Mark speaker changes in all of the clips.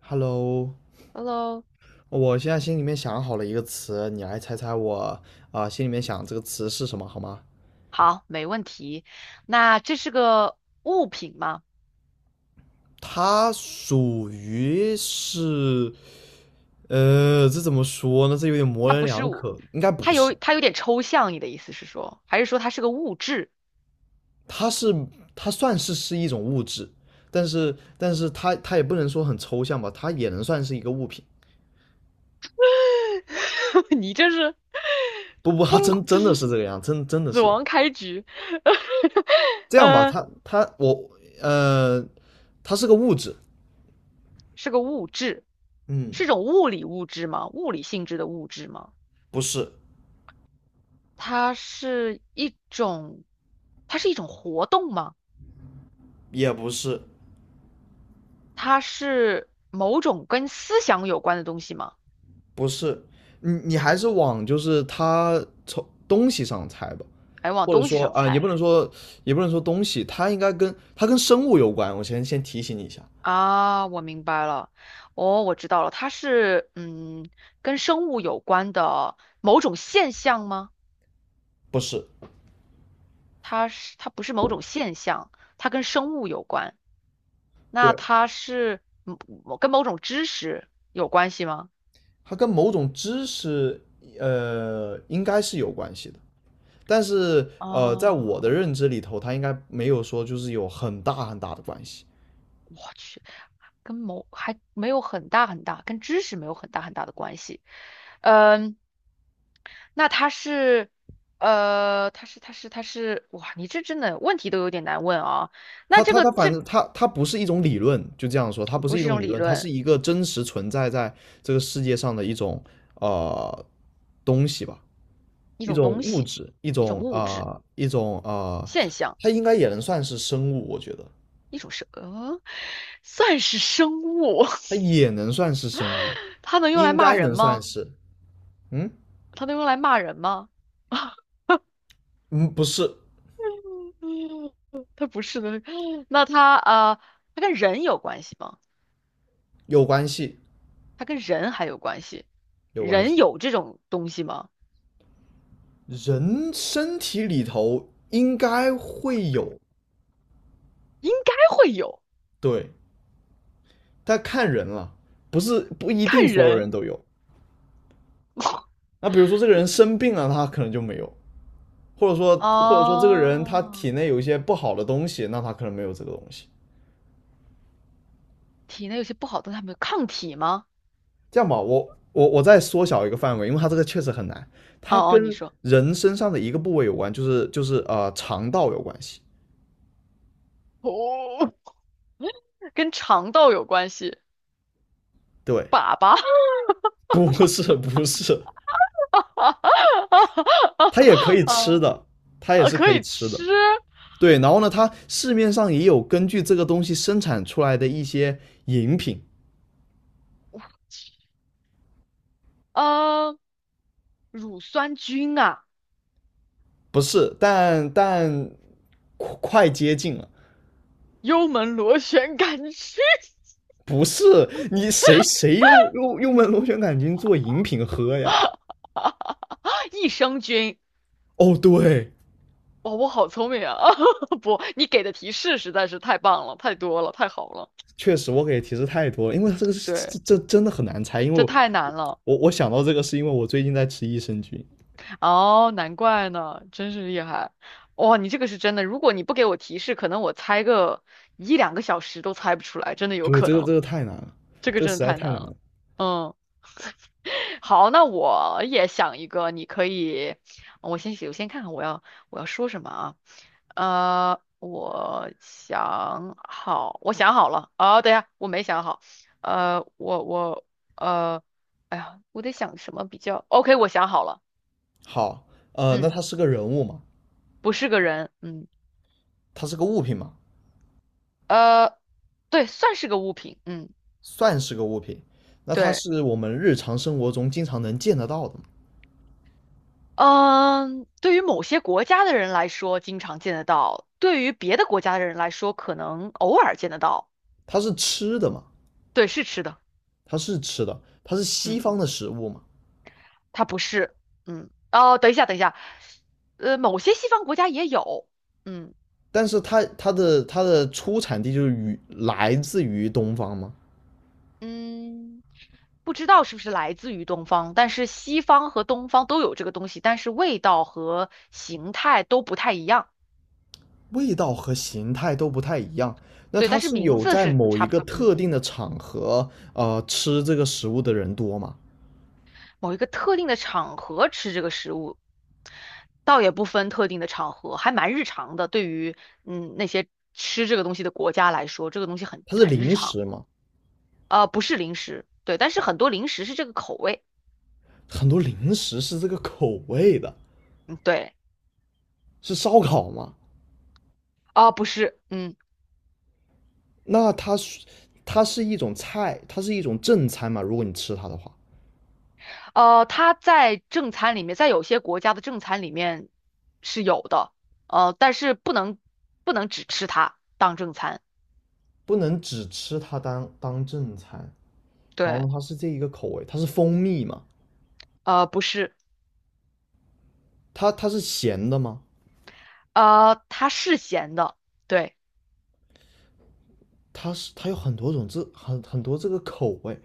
Speaker 1: Hello，
Speaker 2: Hello，
Speaker 1: 我现在心里面想好了一个词，你来猜猜我心里面想这个词是什么，好吗？
Speaker 2: 好，没问题。那这是个物品吗？
Speaker 1: 它属于是，这怎么说呢？这有点模
Speaker 2: 它
Speaker 1: 棱
Speaker 2: 不是
Speaker 1: 两
Speaker 2: 物，
Speaker 1: 可，应该不
Speaker 2: 它有
Speaker 1: 是。
Speaker 2: 它有点抽象，你的意思是说，还是说它是个物质？
Speaker 1: 它是它算是一种物质，但是它也不能说很抽象吧，它也能算是一个物品。
Speaker 2: 你这是
Speaker 1: 不，它
Speaker 2: 崩，
Speaker 1: 真
Speaker 2: 这
Speaker 1: 真的
Speaker 2: 是
Speaker 1: 是
Speaker 2: 什
Speaker 1: 这
Speaker 2: 么？
Speaker 1: 个样，真的
Speaker 2: 死
Speaker 1: 是
Speaker 2: 亡开局。
Speaker 1: 这样吧？
Speaker 2: 呃，
Speaker 1: 呃，它是个物质，
Speaker 2: 是个物质，
Speaker 1: 嗯，
Speaker 2: 是种物理物质吗？物理性质的物质吗？
Speaker 1: 不是。
Speaker 2: 它是一种，它是一种活动吗？
Speaker 1: 也不是，
Speaker 2: 它是某种跟思想有关的东西吗？
Speaker 1: 不是，你还是往就是它从东西上猜吧，
Speaker 2: 哎，往
Speaker 1: 或者
Speaker 2: 东西
Speaker 1: 说
Speaker 2: 上
Speaker 1: 啊、也
Speaker 2: 猜
Speaker 1: 不能说也不能说东西，它应该跟它跟生物有关。我先提醒你一下，
Speaker 2: 啊，我明白了，哦，我知道了，它是跟生物有关的某种现象吗？
Speaker 1: 不是，
Speaker 2: 它不是某种现象，它跟生物有关。那
Speaker 1: 对，
Speaker 2: 它是跟某种知识有关系吗？
Speaker 1: 它跟某种知识应该是有关系的，但是
Speaker 2: 啊，
Speaker 1: 在我的
Speaker 2: 我
Speaker 1: 认知里头，它应该没有说就是有很大很大的关系。
Speaker 2: 去，跟某还没有很大很大，跟知识没有很大很大的关系。嗯，那它是，它是，哇，你这真的问题都有点难问啊。那
Speaker 1: 它
Speaker 2: 这
Speaker 1: 它
Speaker 2: 个
Speaker 1: 它反
Speaker 2: 这
Speaker 1: 正它不是一种理论，就这样说，它不是
Speaker 2: 不
Speaker 1: 一
Speaker 2: 是一
Speaker 1: 种
Speaker 2: 种
Speaker 1: 理
Speaker 2: 理
Speaker 1: 论，它是
Speaker 2: 论，
Speaker 1: 一个真实存在在这个世界上的一种呃东西吧，
Speaker 2: 一
Speaker 1: 一
Speaker 2: 种
Speaker 1: 种
Speaker 2: 东
Speaker 1: 物
Speaker 2: 西，
Speaker 1: 质，一
Speaker 2: 一种
Speaker 1: 种啊、
Speaker 2: 物质
Speaker 1: 呃一种啊、呃
Speaker 2: 现象，
Speaker 1: 它应该也能算是生物，我觉得
Speaker 2: 一种生，算是生物。
Speaker 1: 它也能算是生物，
Speaker 2: 它能用来
Speaker 1: 应
Speaker 2: 骂
Speaker 1: 该
Speaker 2: 人
Speaker 1: 能算
Speaker 2: 吗？
Speaker 1: 是，嗯
Speaker 2: 它能用来骂人吗？啊，
Speaker 1: 嗯，不是，
Speaker 2: 它不是的。那它啊，它跟人有关系吗？
Speaker 1: 有关系，
Speaker 2: 它跟人还有关系？
Speaker 1: 有关
Speaker 2: 人
Speaker 1: 系，
Speaker 2: 有这种东西吗？
Speaker 1: 人身体里头应该会有，
Speaker 2: 应该会有，
Speaker 1: 对，但看人了，不是不一定
Speaker 2: 看
Speaker 1: 所有
Speaker 2: 人。
Speaker 1: 人都有。那比如说这个人生病了，他可能就没有，或者说这个人他
Speaker 2: 哦，
Speaker 1: 体内有一些不好的东西，那他可能没有这个东西。
Speaker 2: 体内有些不好的，它们有抗体吗？
Speaker 1: 这样吧，我再缩小一个范围，因为它这个确实很难，它
Speaker 2: 哦哦，
Speaker 1: 跟
Speaker 2: 你说
Speaker 1: 人身上的一个部位有关，就是肠道有关系。
Speaker 2: 哦，跟肠道有关系，
Speaker 1: 对，
Speaker 2: 粑粑
Speaker 1: 不是不是，它也可 以吃
Speaker 2: 啊
Speaker 1: 的，它也
Speaker 2: 啊，
Speaker 1: 是
Speaker 2: 可
Speaker 1: 可以
Speaker 2: 以
Speaker 1: 吃的。
Speaker 2: 吃，
Speaker 1: 对，然后呢，它市面上也有根据这个东西生产出来的一些饮品，
Speaker 2: 呃，乳酸菌啊，
Speaker 1: 不是，但快接近了。
Speaker 2: 幽门螺旋杆菌
Speaker 1: 不是，你谁用门螺旋杆菌做饮品喝呀？
Speaker 2: 啊，益生菌。
Speaker 1: 哦，对，
Speaker 2: 哇，我好聪明啊！不，你给的提示实在是太棒了，太多了，太好了。
Speaker 1: 确实我给提示太多了，因为这个
Speaker 2: 对，
Speaker 1: 真的很难猜，因为
Speaker 2: 这
Speaker 1: 我
Speaker 2: 太难了。
Speaker 1: 我我想到这个是因为我最近在吃益生菌。
Speaker 2: 哦，难怪呢，真是厉害！哇，你这个是真的，如果你不给我提示，可能我猜个一两个小时都猜不出来，真的有
Speaker 1: 对，
Speaker 2: 可
Speaker 1: 这个
Speaker 2: 能。
Speaker 1: 这个太难了，
Speaker 2: 这个
Speaker 1: 这个
Speaker 2: 真
Speaker 1: 实
Speaker 2: 的
Speaker 1: 在
Speaker 2: 太
Speaker 1: 太
Speaker 2: 难
Speaker 1: 难
Speaker 2: 了。
Speaker 1: 了。
Speaker 2: 嗯，好，那我也想一个，你可以，我先看看我要说什么啊？我想好了。啊，等一下，我没想好。呃，我我呃，哎呀，我得想什么比较 OK，我想好了。
Speaker 1: 好，那
Speaker 2: 嗯。
Speaker 1: 它是个人物嘛？
Speaker 2: 不是个人，嗯，
Speaker 1: 它是个物品嘛？
Speaker 2: 呃，对，算是个物品，嗯，
Speaker 1: 算是个物品。那它
Speaker 2: 对，
Speaker 1: 是我们日常生活中经常能见得到的嘛？
Speaker 2: 嗯，对于某些国家的人来说，经常见得到；对于别的国家的人来说，可能偶尔见得到。
Speaker 1: 它是吃的嘛？
Speaker 2: 对，是吃的，
Speaker 1: 它是吃的，它是西
Speaker 2: 嗯，
Speaker 1: 方的食物嘛？
Speaker 2: 它不是，嗯，哦，等一下，某些西方国家也有，嗯
Speaker 1: 但是它的出产地就是与来自于东方吗？
Speaker 2: 嗯，不知道是不是来自于东方，但是西方和东方都有这个东西，但是味道和形态都不太一样，
Speaker 1: 味道和形态都不太一样，那
Speaker 2: 对，
Speaker 1: 它
Speaker 2: 但是
Speaker 1: 是
Speaker 2: 名
Speaker 1: 有
Speaker 2: 字
Speaker 1: 在
Speaker 2: 是
Speaker 1: 某一
Speaker 2: 差不
Speaker 1: 个
Speaker 2: 多，嗯。
Speaker 1: 特定的场合，吃这个食物的人多吗？
Speaker 2: 某一个特定的场合吃这个食物，倒也不分特定的场合，还蛮日常的。对于那些吃这个东西的国家来说，这个东西很
Speaker 1: 它是
Speaker 2: 很日
Speaker 1: 零
Speaker 2: 常。
Speaker 1: 食吗？
Speaker 2: 不是零食，对，但是很多零食是这个口味。
Speaker 1: 很多零食是这个口味的，
Speaker 2: 嗯，对，
Speaker 1: 是烧烤吗？
Speaker 2: 啊、不是，嗯，
Speaker 1: 那它是一种菜，它是一种正餐嘛？如果你吃它的话，
Speaker 2: 它在正餐里面，在有些国家的正餐里面是有的，呃，但是不能只吃它当正餐。
Speaker 1: 不能只吃它当正餐。然后
Speaker 2: 对，
Speaker 1: 呢，它是这一个口味，它是蜂蜜嘛？
Speaker 2: 不是，
Speaker 1: 它是咸的吗？
Speaker 2: 它是咸的。对。
Speaker 1: 它有很多种这很多这个口味，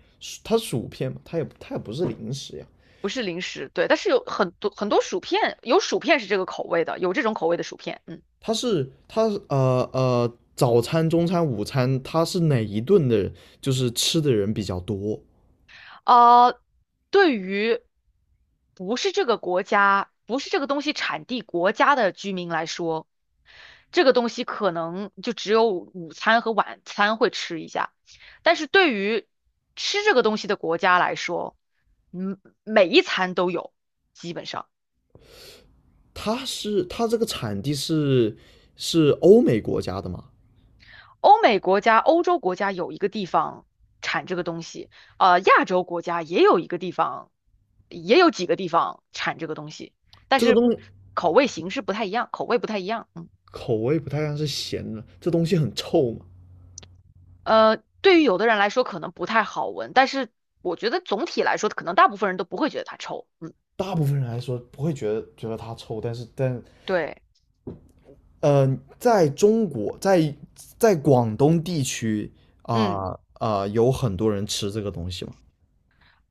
Speaker 1: 它薯片嘛，它也不是零食呀，
Speaker 2: 不是零食，对，但是有很多薯片，有薯片是这个口味的，有这种口味的薯片，嗯，
Speaker 1: 它是它呃呃早餐、中餐、午餐，它是哪一顿的，就是吃的人比较多？
Speaker 2: 呃，对于不是这个国家，不是这个东西产地国家的居民来说，这个东西可能就只有午餐和晚餐会吃一下，但是对于吃这个东西的国家来说，嗯，每一餐都有，基本上。
Speaker 1: 它这个产地是欧美国家的嘛？
Speaker 2: 欧美国家、欧洲国家有一个地方产这个东西，亚洲国家也有一个地方，也有几个地方产这个东西，但
Speaker 1: 这个
Speaker 2: 是
Speaker 1: 东西
Speaker 2: 口味形式不太一样，口味不太一样。嗯，
Speaker 1: 口味不太像是咸的，这东西很臭嘛。
Speaker 2: 对于有的人来说可能不太好闻，但是我觉得总体来说，可能大部分人都不会觉得它臭。嗯，
Speaker 1: 大部分人来说不会觉得它臭，但是
Speaker 2: 对，
Speaker 1: 在中国，在广东地区
Speaker 2: 嗯，
Speaker 1: 有很多人吃这个东西吗？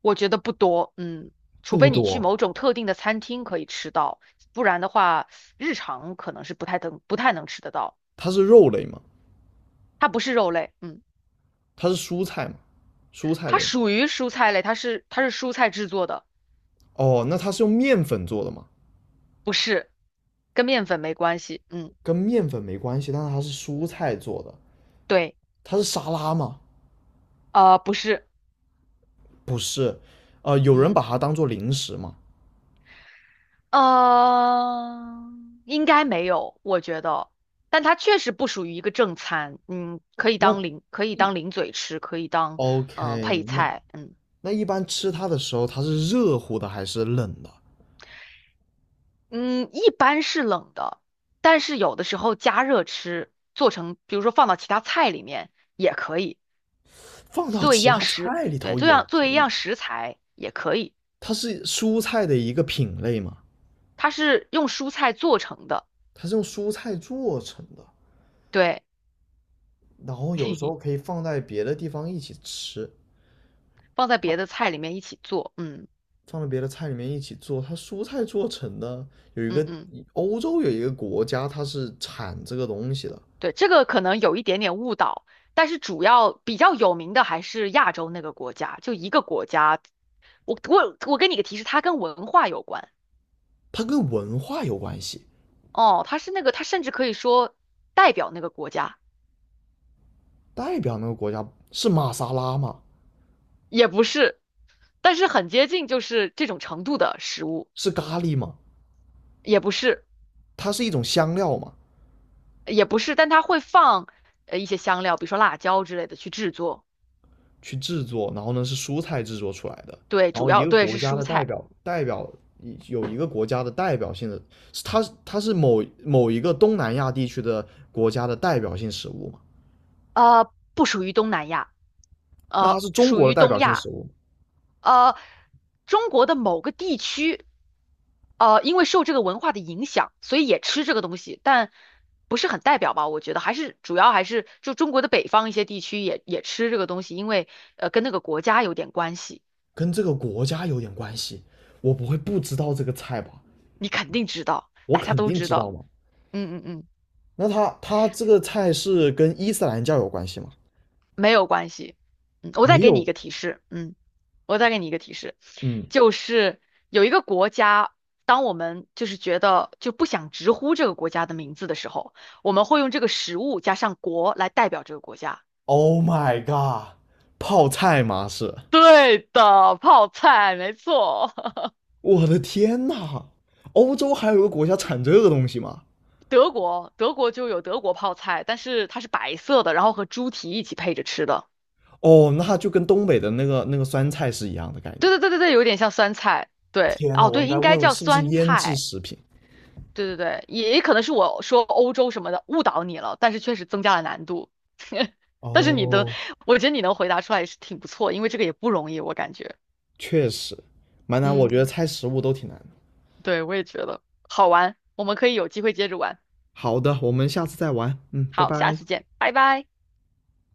Speaker 2: 我觉得不多，嗯，除
Speaker 1: 不
Speaker 2: 非你去
Speaker 1: 多，
Speaker 2: 某种特定的餐厅可以吃到，不然的话，日常可能是不太能吃得到。
Speaker 1: 它是肉类吗？
Speaker 2: 它不是肉类，嗯。
Speaker 1: 它是蔬菜吗？蔬菜
Speaker 2: 它
Speaker 1: 类。
Speaker 2: 属于蔬菜类，它是蔬菜制作的，
Speaker 1: 哦，那它是用面粉做的吗？
Speaker 2: 不是，跟面粉没关系。嗯，
Speaker 1: 跟面粉没关系，但是它是蔬菜做的，
Speaker 2: 对，
Speaker 1: 它是沙拉吗？
Speaker 2: 不是，
Speaker 1: 不是，有人
Speaker 2: 嗯，
Speaker 1: 把它当做零食吗？
Speaker 2: 呃，应该没有，我觉得，但它确实不属于一个正餐，嗯，可以
Speaker 1: 那
Speaker 2: 当零，可以
Speaker 1: 一
Speaker 2: 当零嘴吃，可以当配
Speaker 1: OK，那
Speaker 2: 菜，嗯
Speaker 1: 那一般吃它的时候，它是热乎的还是冷的？
Speaker 2: 嗯，一般是冷的，但是有的时候加热吃，做成比如说放到其他菜里面也可以，
Speaker 1: 放到
Speaker 2: 作为一
Speaker 1: 其
Speaker 2: 样
Speaker 1: 他
Speaker 2: 食，
Speaker 1: 菜里
Speaker 2: 对，
Speaker 1: 头也
Speaker 2: 作
Speaker 1: 可
Speaker 2: 为一
Speaker 1: 以。
Speaker 2: 样食材也可以。
Speaker 1: 它是蔬菜的一个品类嘛，
Speaker 2: 它是用蔬菜做成的，
Speaker 1: 它是用蔬菜做成的，
Speaker 2: 对，
Speaker 1: 然后有时候可 以放在别的地方一起吃，
Speaker 2: 放在
Speaker 1: 它
Speaker 2: 别的菜里面一起做，嗯
Speaker 1: 放在别的菜里面一起做。它蔬菜做成的，有一
Speaker 2: 嗯
Speaker 1: 个
Speaker 2: 嗯，
Speaker 1: 欧洲有一个国家，它是产这个东西的，
Speaker 2: 对，这个可能有一点点误导，但是主要比较有名的还是亚洲那个国家，就一个国家，我给你个提示，它跟文化有关，
Speaker 1: 它跟文化有关系。
Speaker 2: 哦，它是那个，它甚至可以说代表那个国家，
Speaker 1: 代表那个国家是玛莎拉吗？
Speaker 2: 也不是，但是很接近，就是这种程度的食物，
Speaker 1: 是咖喱吗？
Speaker 2: 也不是，
Speaker 1: 它是一种香料吗？
Speaker 2: 也不是，但它会放一些香料，比如说辣椒之类的去制作。
Speaker 1: 去制作，然后呢是蔬菜制作出来的。
Speaker 2: 对，
Speaker 1: 然
Speaker 2: 主
Speaker 1: 后一
Speaker 2: 要
Speaker 1: 个
Speaker 2: 对
Speaker 1: 国
Speaker 2: 是
Speaker 1: 家
Speaker 2: 蔬
Speaker 1: 的代
Speaker 2: 菜，
Speaker 1: 表代表有一个国家的代表性的，是它是一个东南亚地区的国家的代表性食物嘛？
Speaker 2: 不属于东南亚，
Speaker 1: 那它是中
Speaker 2: 属
Speaker 1: 国的
Speaker 2: 于
Speaker 1: 代
Speaker 2: 东
Speaker 1: 表性食
Speaker 2: 亚，
Speaker 1: 物
Speaker 2: 呃，中国的某个地区，因为受这个文化的影响，所以也吃这个东西，但不是很代表吧？我觉得还是就中国的北方一些地区也吃这个东西，因为跟那个国家有点关系，
Speaker 1: 跟这个国家有点关系。我不会不知道这个菜吧？
Speaker 2: 你肯定知道，
Speaker 1: 我
Speaker 2: 大家
Speaker 1: 肯
Speaker 2: 都
Speaker 1: 定
Speaker 2: 知
Speaker 1: 知道
Speaker 2: 道，
Speaker 1: 嘛。
Speaker 2: 嗯嗯嗯。
Speaker 1: 那它这个菜是跟伊斯兰教有关系吗？
Speaker 2: 没有关系。嗯，我
Speaker 1: 没
Speaker 2: 再给你一
Speaker 1: 有。
Speaker 2: 个提示，嗯，我再给你一个提示，
Speaker 1: 嗯
Speaker 2: 就是有一个国家，当我们就是觉得就不想直呼这个国家的名字的时候，我们会用这个食物加上国来代表这个国家。
Speaker 1: ，Oh my god，泡菜嘛是。
Speaker 2: 对的，泡菜，没错。
Speaker 1: 我的天呐，欧洲还有个国家产这个东西吗？
Speaker 2: 德国，德国就有德国泡菜，但是它是白色的，然后和猪蹄一起配着吃的。
Speaker 1: 哦，那就跟东北的那个酸菜是一样的概
Speaker 2: 对
Speaker 1: 念。
Speaker 2: 对对对对，有点像酸菜。对，
Speaker 1: 天呐，
Speaker 2: 哦，
Speaker 1: 我
Speaker 2: 对，
Speaker 1: 应该
Speaker 2: 应该
Speaker 1: 问问
Speaker 2: 叫
Speaker 1: 是不是
Speaker 2: 酸
Speaker 1: 腌制
Speaker 2: 菜。
Speaker 1: 食品？
Speaker 2: 对对对，也也可能是我说欧洲什么的误导你了，但是确实增加了难度。但是你的，
Speaker 1: 哦，
Speaker 2: 我觉得你能回答出来也是挺不错，因为这个也不容易，我感觉。
Speaker 1: 确实，蛮难，我
Speaker 2: 嗯，
Speaker 1: 觉得猜食物都挺难的。
Speaker 2: 对，我也觉得好玩，我们可以有机会接着玩。
Speaker 1: 好的，我们下次再玩。嗯，拜
Speaker 2: 好，下
Speaker 1: 拜。
Speaker 2: 次见，拜拜。